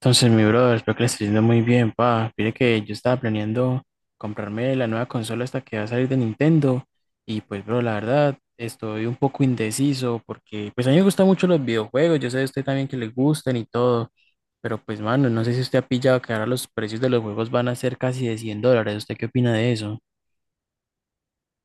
Entonces, mi brother, espero que le esté yendo muy bien, pa. Mire que yo estaba planeando comprarme la nueva consola hasta que va a salir de Nintendo. Y pues, bro, la verdad, estoy un poco indeciso porque, pues, a mí me gustan mucho los videojuegos. Yo sé a usted también que le gustan y todo. Pero, pues, mano, no sé si usted ha pillado que ahora los precios de los juegos van a ser casi de $100. ¿Usted qué opina de eso?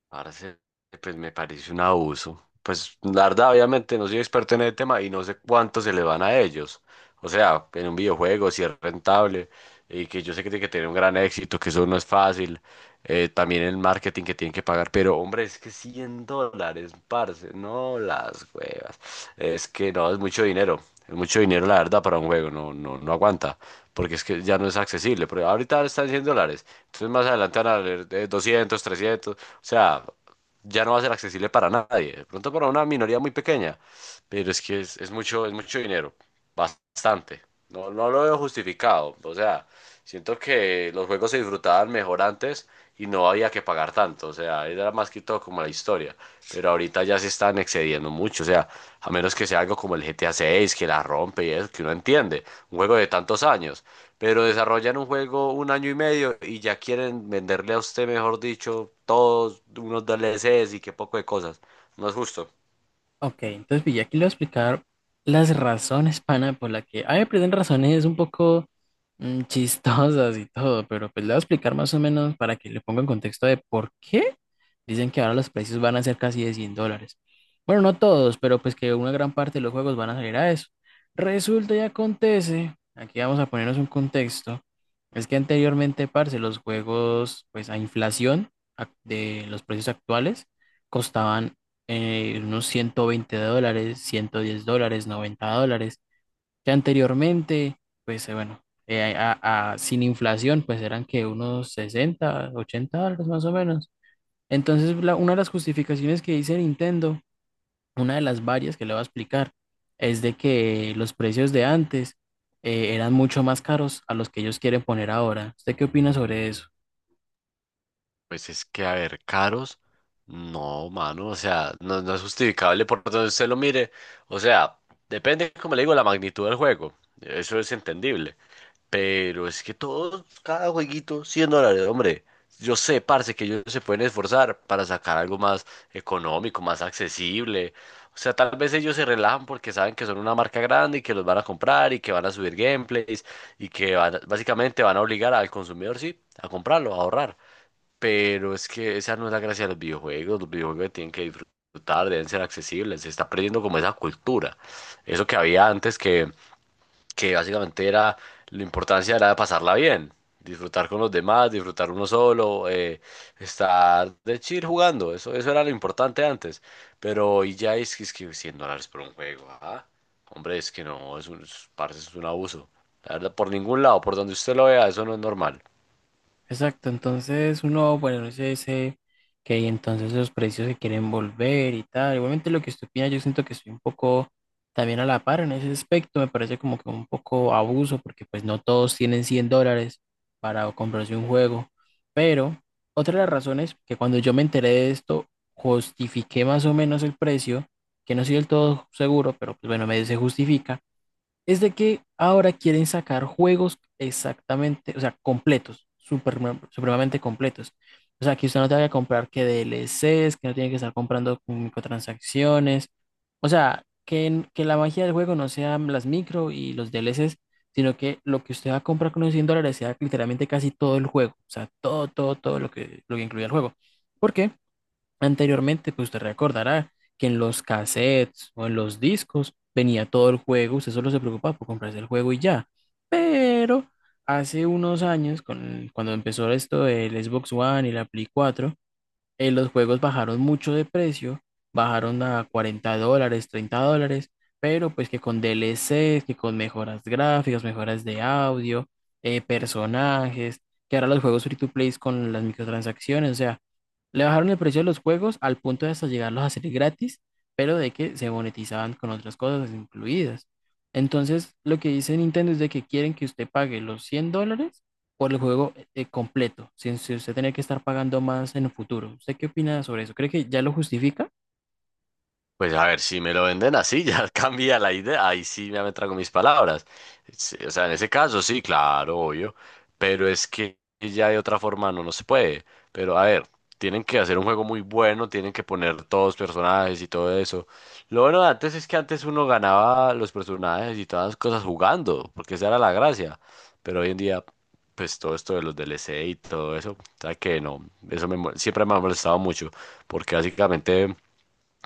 Parce, pues me parece un abuso. Pues la verdad, obviamente no soy experto en el tema y no sé cuánto se le van a ellos. O sea, en un videojuego, si es rentable y que yo sé que tiene que tener un gran éxito, que eso no es fácil. También el marketing que tienen que pagar. Pero hombre, es que $100, parce, no las huevas. Es que no, es mucho dinero. Es mucho dinero, la verdad, para un juego. No, no, no aguanta porque es que ya no es accesible, pero ahorita están $100, entonces más adelante van a valer 200 300. O sea, ya no va a ser accesible para nadie, de pronto para una minoría muy pequeña, pero es que es mucho, es mucho dinero, bastante. No, no lo veo justificado. O sea, siento que los juegos se disfrutaban mejor antes y no había que pagar tanto. O sea, era más que todo como la historia, pero ahorita ya se están excediendo mucho. O sea, a menos que sea algo como el GTA 6, que la rompe y eso, que uno entiende, un juego de tantos años. Pero desarrollan un juego un año y medio y ya quieren venderle a usted, mejor dicho, todos unos DLCs y qué poco de cosas. No es justo. Ok, entonces pilla, aquí le voy a explicar las razones, pana, por la que... A mí me prenden razones un poco chistosas y todo, pero pues le voy a explicar más o menos para que le ponga en contexto de por qué dicen que ahora los precios van a ser casi de 100 dólares. Bueno, no todos, pero pues que una gran parte de los juegos van a salir a eso. Resulta y acontece, aquí vamos a ponernos un contexto, es que anteriormente, parce, los juegos, pues a inflación de los precios actuales costaban unos $120, $110, $90, que anteriormente, pues bueno, sin inflación, pues eran que unos 60, $80 más o menos. Entonces, una de las justificaciones que dice Nintendo, una de las varias que le voy a explicar, es de que los precios de antes eran mucho más caros a los que ellos quieren poner ahora. ¿Usted qué opina sobre eso? Pues es que, a ver, caros, no, mano. O sea, no, no es justificable por donde usted lo mire. O sea, depende, como le digo, la magnitud del juego. Eso es entendible. Pero es que todos, cada jueguito, $100, hombre. Yo sé, parce, que ellos se pueden esforzar para sacar algo más económico, más accesible. O sea, tal vez ellos se relajan porque saben que son una marca grande y que los van a comprar y que van a subir gameplays y que van básicamente van a obligar al consumidor, sí, a comprarlo, a ahorrar. Pero es que esa no es la gracia de los videojuegos. Los videojuegos tienen que disfrutar, deben ser accesibles. Se está perdiendo como esa cultura. Eso que había antes que básicamente era, la importancia era pasarla bien. Disfrutar con los demás, disfrutar uno solo, estar de chill jugando. Eso era lo importante antes. Pero hoy ya es que $100 por un juego. Hombre, es que no, parce, es un abuso. La verdad, por ningún lado, por donde usted lo vea, eso no es normal. Exacto, entonces uno, bueno, no sé, dice que entonces los precios se quieren volver y tal. Igualmente lo que usted opina, yo siento que estoy un poco también a la par en ese aspecto, me parece como que un poco abuso, porque pues no todos tienen $100 para comprarse un juego. Pero otra de las razones que cuando yo me enteré de esto, justifiqué más o menos el precio, que no soy del todo seguro, pero pues bueno, me se justifica es de que ahora quieren sacar juegos exactamente, o sea, completos, super, supremamente completos. O sea, que usted no tenga que comprar que DLCs, que no tiene que estar comprando con microtransacciones. O sea, que, en- que la magia del juego no sean las micro y los DLCs, sino que lo que usted va a comprar con los $100 sea literalmente casi todo el juego. O sea, todo, todo, todo lo que incluye el juego. ¿Por qué? Anteriormente, pues usted recordará que en los cassettes o en los discos venía todo el juego, usted solo se preocupaba por comprarse el juego y ya. Pero hace unos años, cuando empezó esto del Xbox One y la Play 4, los juegos bajaron mucho de precio, bajaron a $40, $30, pero pues que con DLCs, que con mejoras gráficas, mejoras de audio, personajes, que ahora los juegos free to play con las microtransacciones, o sea le bajaron el precio de los juegos al punto de hasta llegarlos a hacer gratis, pero de que se monetizaban con otras cosas incluidas. Entonces, lo que dice Nintendo es de que quieren que usted pague los $100 por el juego completo, sin usted tener que estar pagando más en el futuro. ¿Usted qué opina sobre eso? ¿Cree que ya lo justifica? Pues a ver, si me lo venden así, ya cambia la idea. Ahí sí ya me trago mis palabras. Sí, o sea, en ese caso sí, claro, obvio. Pero es que ya de otra forma no, no se puede. Pero a ver, tienen que hacer un juego muy bueno, tienen que poner todos personajes y todo eso. Lo bueno de antes es que antes uno ganaba los personajes y todas las cosas jugando, porque esa era la gracia. Pero hoy en día, pues todo esto de los DLC y todo eso, ¿sabes? Que no, eso siempre me ha molestado mucho, porque básicamente.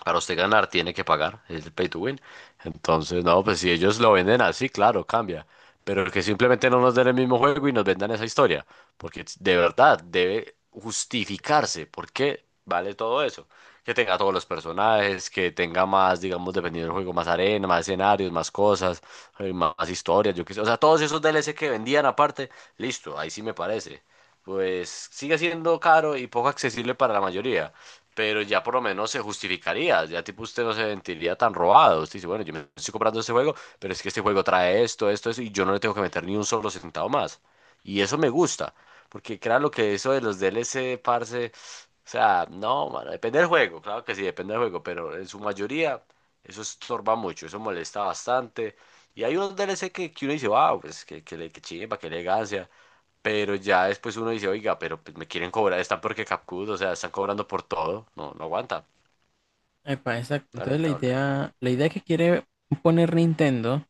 Para usted ganar tiene que pagar, es el pay to win. Entonces, no, pues si ellos lo venden así, claro, cambia. Pero que simplemente no nos den el mismo juego y nos vendan esa historia. Porque de verdad debe justificarse. ¿Por qué vale todo eso? Que tenga todos los personajes, que tenga más, digamos, dependiendo del juego, más arena, más escenarios, más cosas, más historias, yo qué sé. O sea, todos esos D L C que vendían aparte, listo, ahí sí me parece. Pues sigue siendo caro y poco accesible para la mayoría, pero ya por lo menos se justificaría, ya tipo usted no se sentiría tan robado, usted dice, bueno, yo me estoy comprando este juego, pero es que este juego trae esto, esto, eso, y yo no le tengo que meter ni un solo centavo más. Y eso me gusta, porque claro lo que eso de los DLC, parce. O sea, no, mano, depende del juego, claro que sí, depende del juego, pero en su mayoría eso estorba mucho, eso molesta bastante. Y hay unos DLC que uno dice, wow, pues que chimba, que elegancia. Pero ya después uno dice, oiga, pero pues me quieren cobrar, están porque capcud, o sea, están cobrando por todo. No, no aguanta, Epa, exacto. no es Entonces, rentable. La idea que quiere poner Nintendo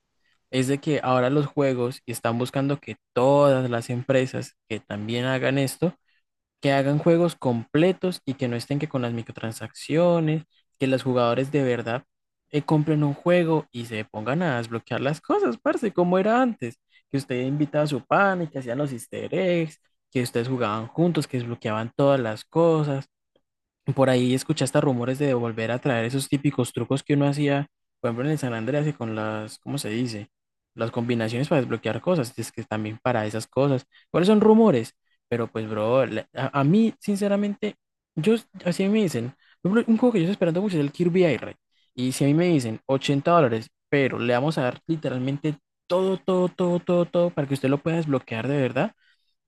es de que ahora los juegos y están buscando que todas las empresas que también hagan esto, que hagan juegos completos y que no estén que con las microtransacciones, que los jugadores de verdad compren un juego y se pongan a desbloquear las cosas, parce, como era antes, que usted invitaba a su pan y que hacían los easter eggs, que ustedes jugaban juntos, que desbloqueaban todas las cosas por ahí escuchaste rumores de volver a traer esos típicos trucos que uno hacía, por ejemplo, en el San Andrés y con las, ¿cómo se dice? Las combinaciones para desbloquear cosas, es que también para esas cosas. ¿Cuáles son rumores? Pero pues, bro, a mí, sinceramente, yo, así me dicen, por ejemplo, un juego que yo estoy esperando mucho es el Kirby Air. Y si a mí me dicen $80, pero le vamos a dar literalmente todo, todo, todo, todo, todo para que usted lo pueda desbloquear de verdad,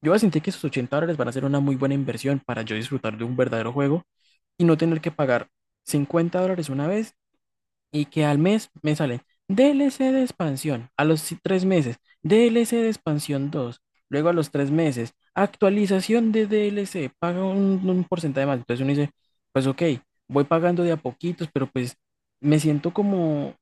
yo voy a sentir que esos $80 van a ser una muy buena inversión para yo disfrutar de un verdadero juego y no tener que pagar $50 una vez y que al mes me salen DLC de expansión a los 3 meses, DLC de expansión 2 luego a los 3 meses, actualización de DLC, paga un porcentaje más. Entonces uno dice, pues ok, voy pagando de a poquitos, pero pues me siento como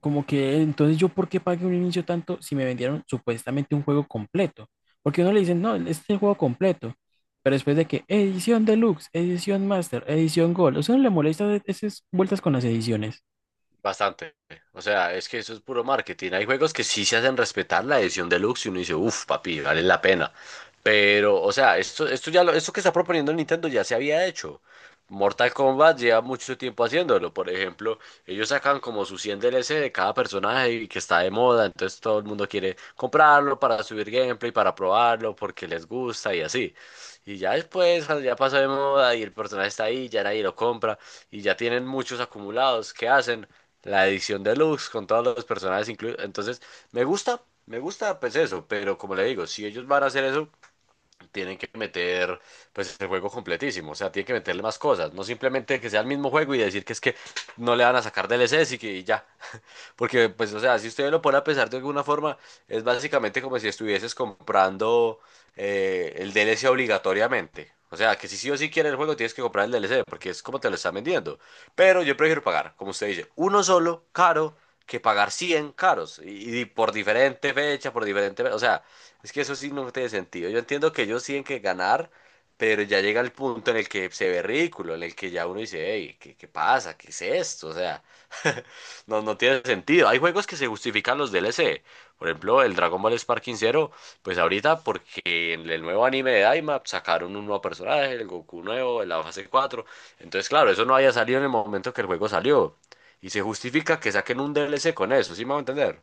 como que entonces yo por qué pagué un inicio tanto si me vendieron supuestamente un juego completo. Porque uno le dicen, no, este es el juego completo. Pero después de que edición deluxe, edición master, edición gold, o sea, no le molesta esas vueltas con las ediciones. Bastante. O sea, es que eso es puro marketing. Hay juegos que sí se hacen respetar la edición deluxe y uno dice, uff, papi, vale la pena. Pero, o sea, esto que está proponiendo Nintendo ya se había hecho. Mortal Kombat lleva mucho tiempo haciéndolo. Por ejemplo, ellos sacan como su 100 DLC de cada personaje y que está de moda. Entonces todo el mundo quiere comprarlo para subir gameplay, para probarlo, porque les gusta y así. Y ya después, cuando ya pasó de moda y el personaje está ahí, ya nadie lo compra y ya tienen muchos acumulados, ¿qué hacen? La edición deluxe con todos los personajes incluidos. Entonces, me gusta pues eso, pero como le digo, si ellos van a hacer eso, tienen que meter pues el juego completísimo. O sea, tienen que meterle más cosas, no simplemente que sea el mismo juego y decir que es que no le van a sacar DLCs y que y ya. Porque, pues, o sea, si usted lo pone a pensar de alguna forma, es básicamente como si estuvieses comprando el DLC obligatoriamente. O sea, que si sí o sí quieres el juego, tienes que comprar el DLC, porque es como te lo están vendiendo. Pero yo prefiero pagar, como usted dice, uno solo, caro, que pagar 100 caros. Y por diferente... fecha, O sea, es que eso sí no tiene sentido. Yo entiendo que ellos tienen que ganar, pero ya llega el punto en el que se ve ridículo, en el que ya uno dice, hey, ¿qué pasa. ¿Qué es esto? O sea... No, no tiene sentido. Hay juegos que se justifican los DLC. Por ejemplo, el Dragon Ball Sparking Zero, pues ahorita porque en el nuevo anime de Daima sacaron un nuevo personaje, el Goku nuevo, en la fase cuatro. Entonces, claro, eso no había salido en el momento que el juego salió. Y se justifica que saquen un DLC con eso, ¿sí me va a entender?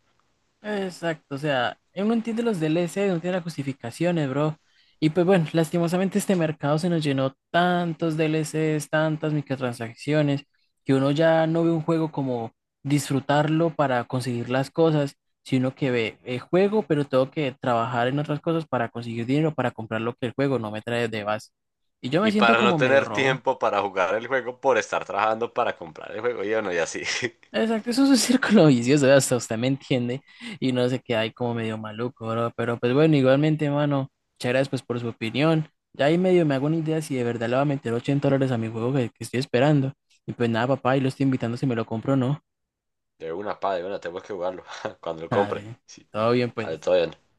Exacto, o sea, uno entiende los DLC, uno entiende las justificaciones, bro. Y pues bueno, lastimosamente este mercado se nos llenó tantos DLCs, tantas microtransacciones, que uno ya no ve un juego como disfrutarlo para conseguir las cosas, sino que ve el juego, pero tengo que trabajar en otras cosas para conseguir dinero, para comprar lo que el juego no me trae de base. Y yo me Y siento para no como medio tener robo. tiempo para jugar el juego por estar trabajando para comprar el juego, y bueno, y así. Exacto, eso es un círculo vicioso, hasta usted me entiende y no sé qué hay como medio maluco, bro. Pero pues bueno, igualmente, mano, muchas gracias pues por su opinión. Ya ahí medio me hago una idea si de verdad le va a meter $80 a mi juego que estoy esperando. Y pues nada, papá, y lo estoy invitando si me lo compro o no. De una, pa, de una, tengo que jugarlo cuando lo compre. Dale, Sí. todo bien A ver, pues. todavía no.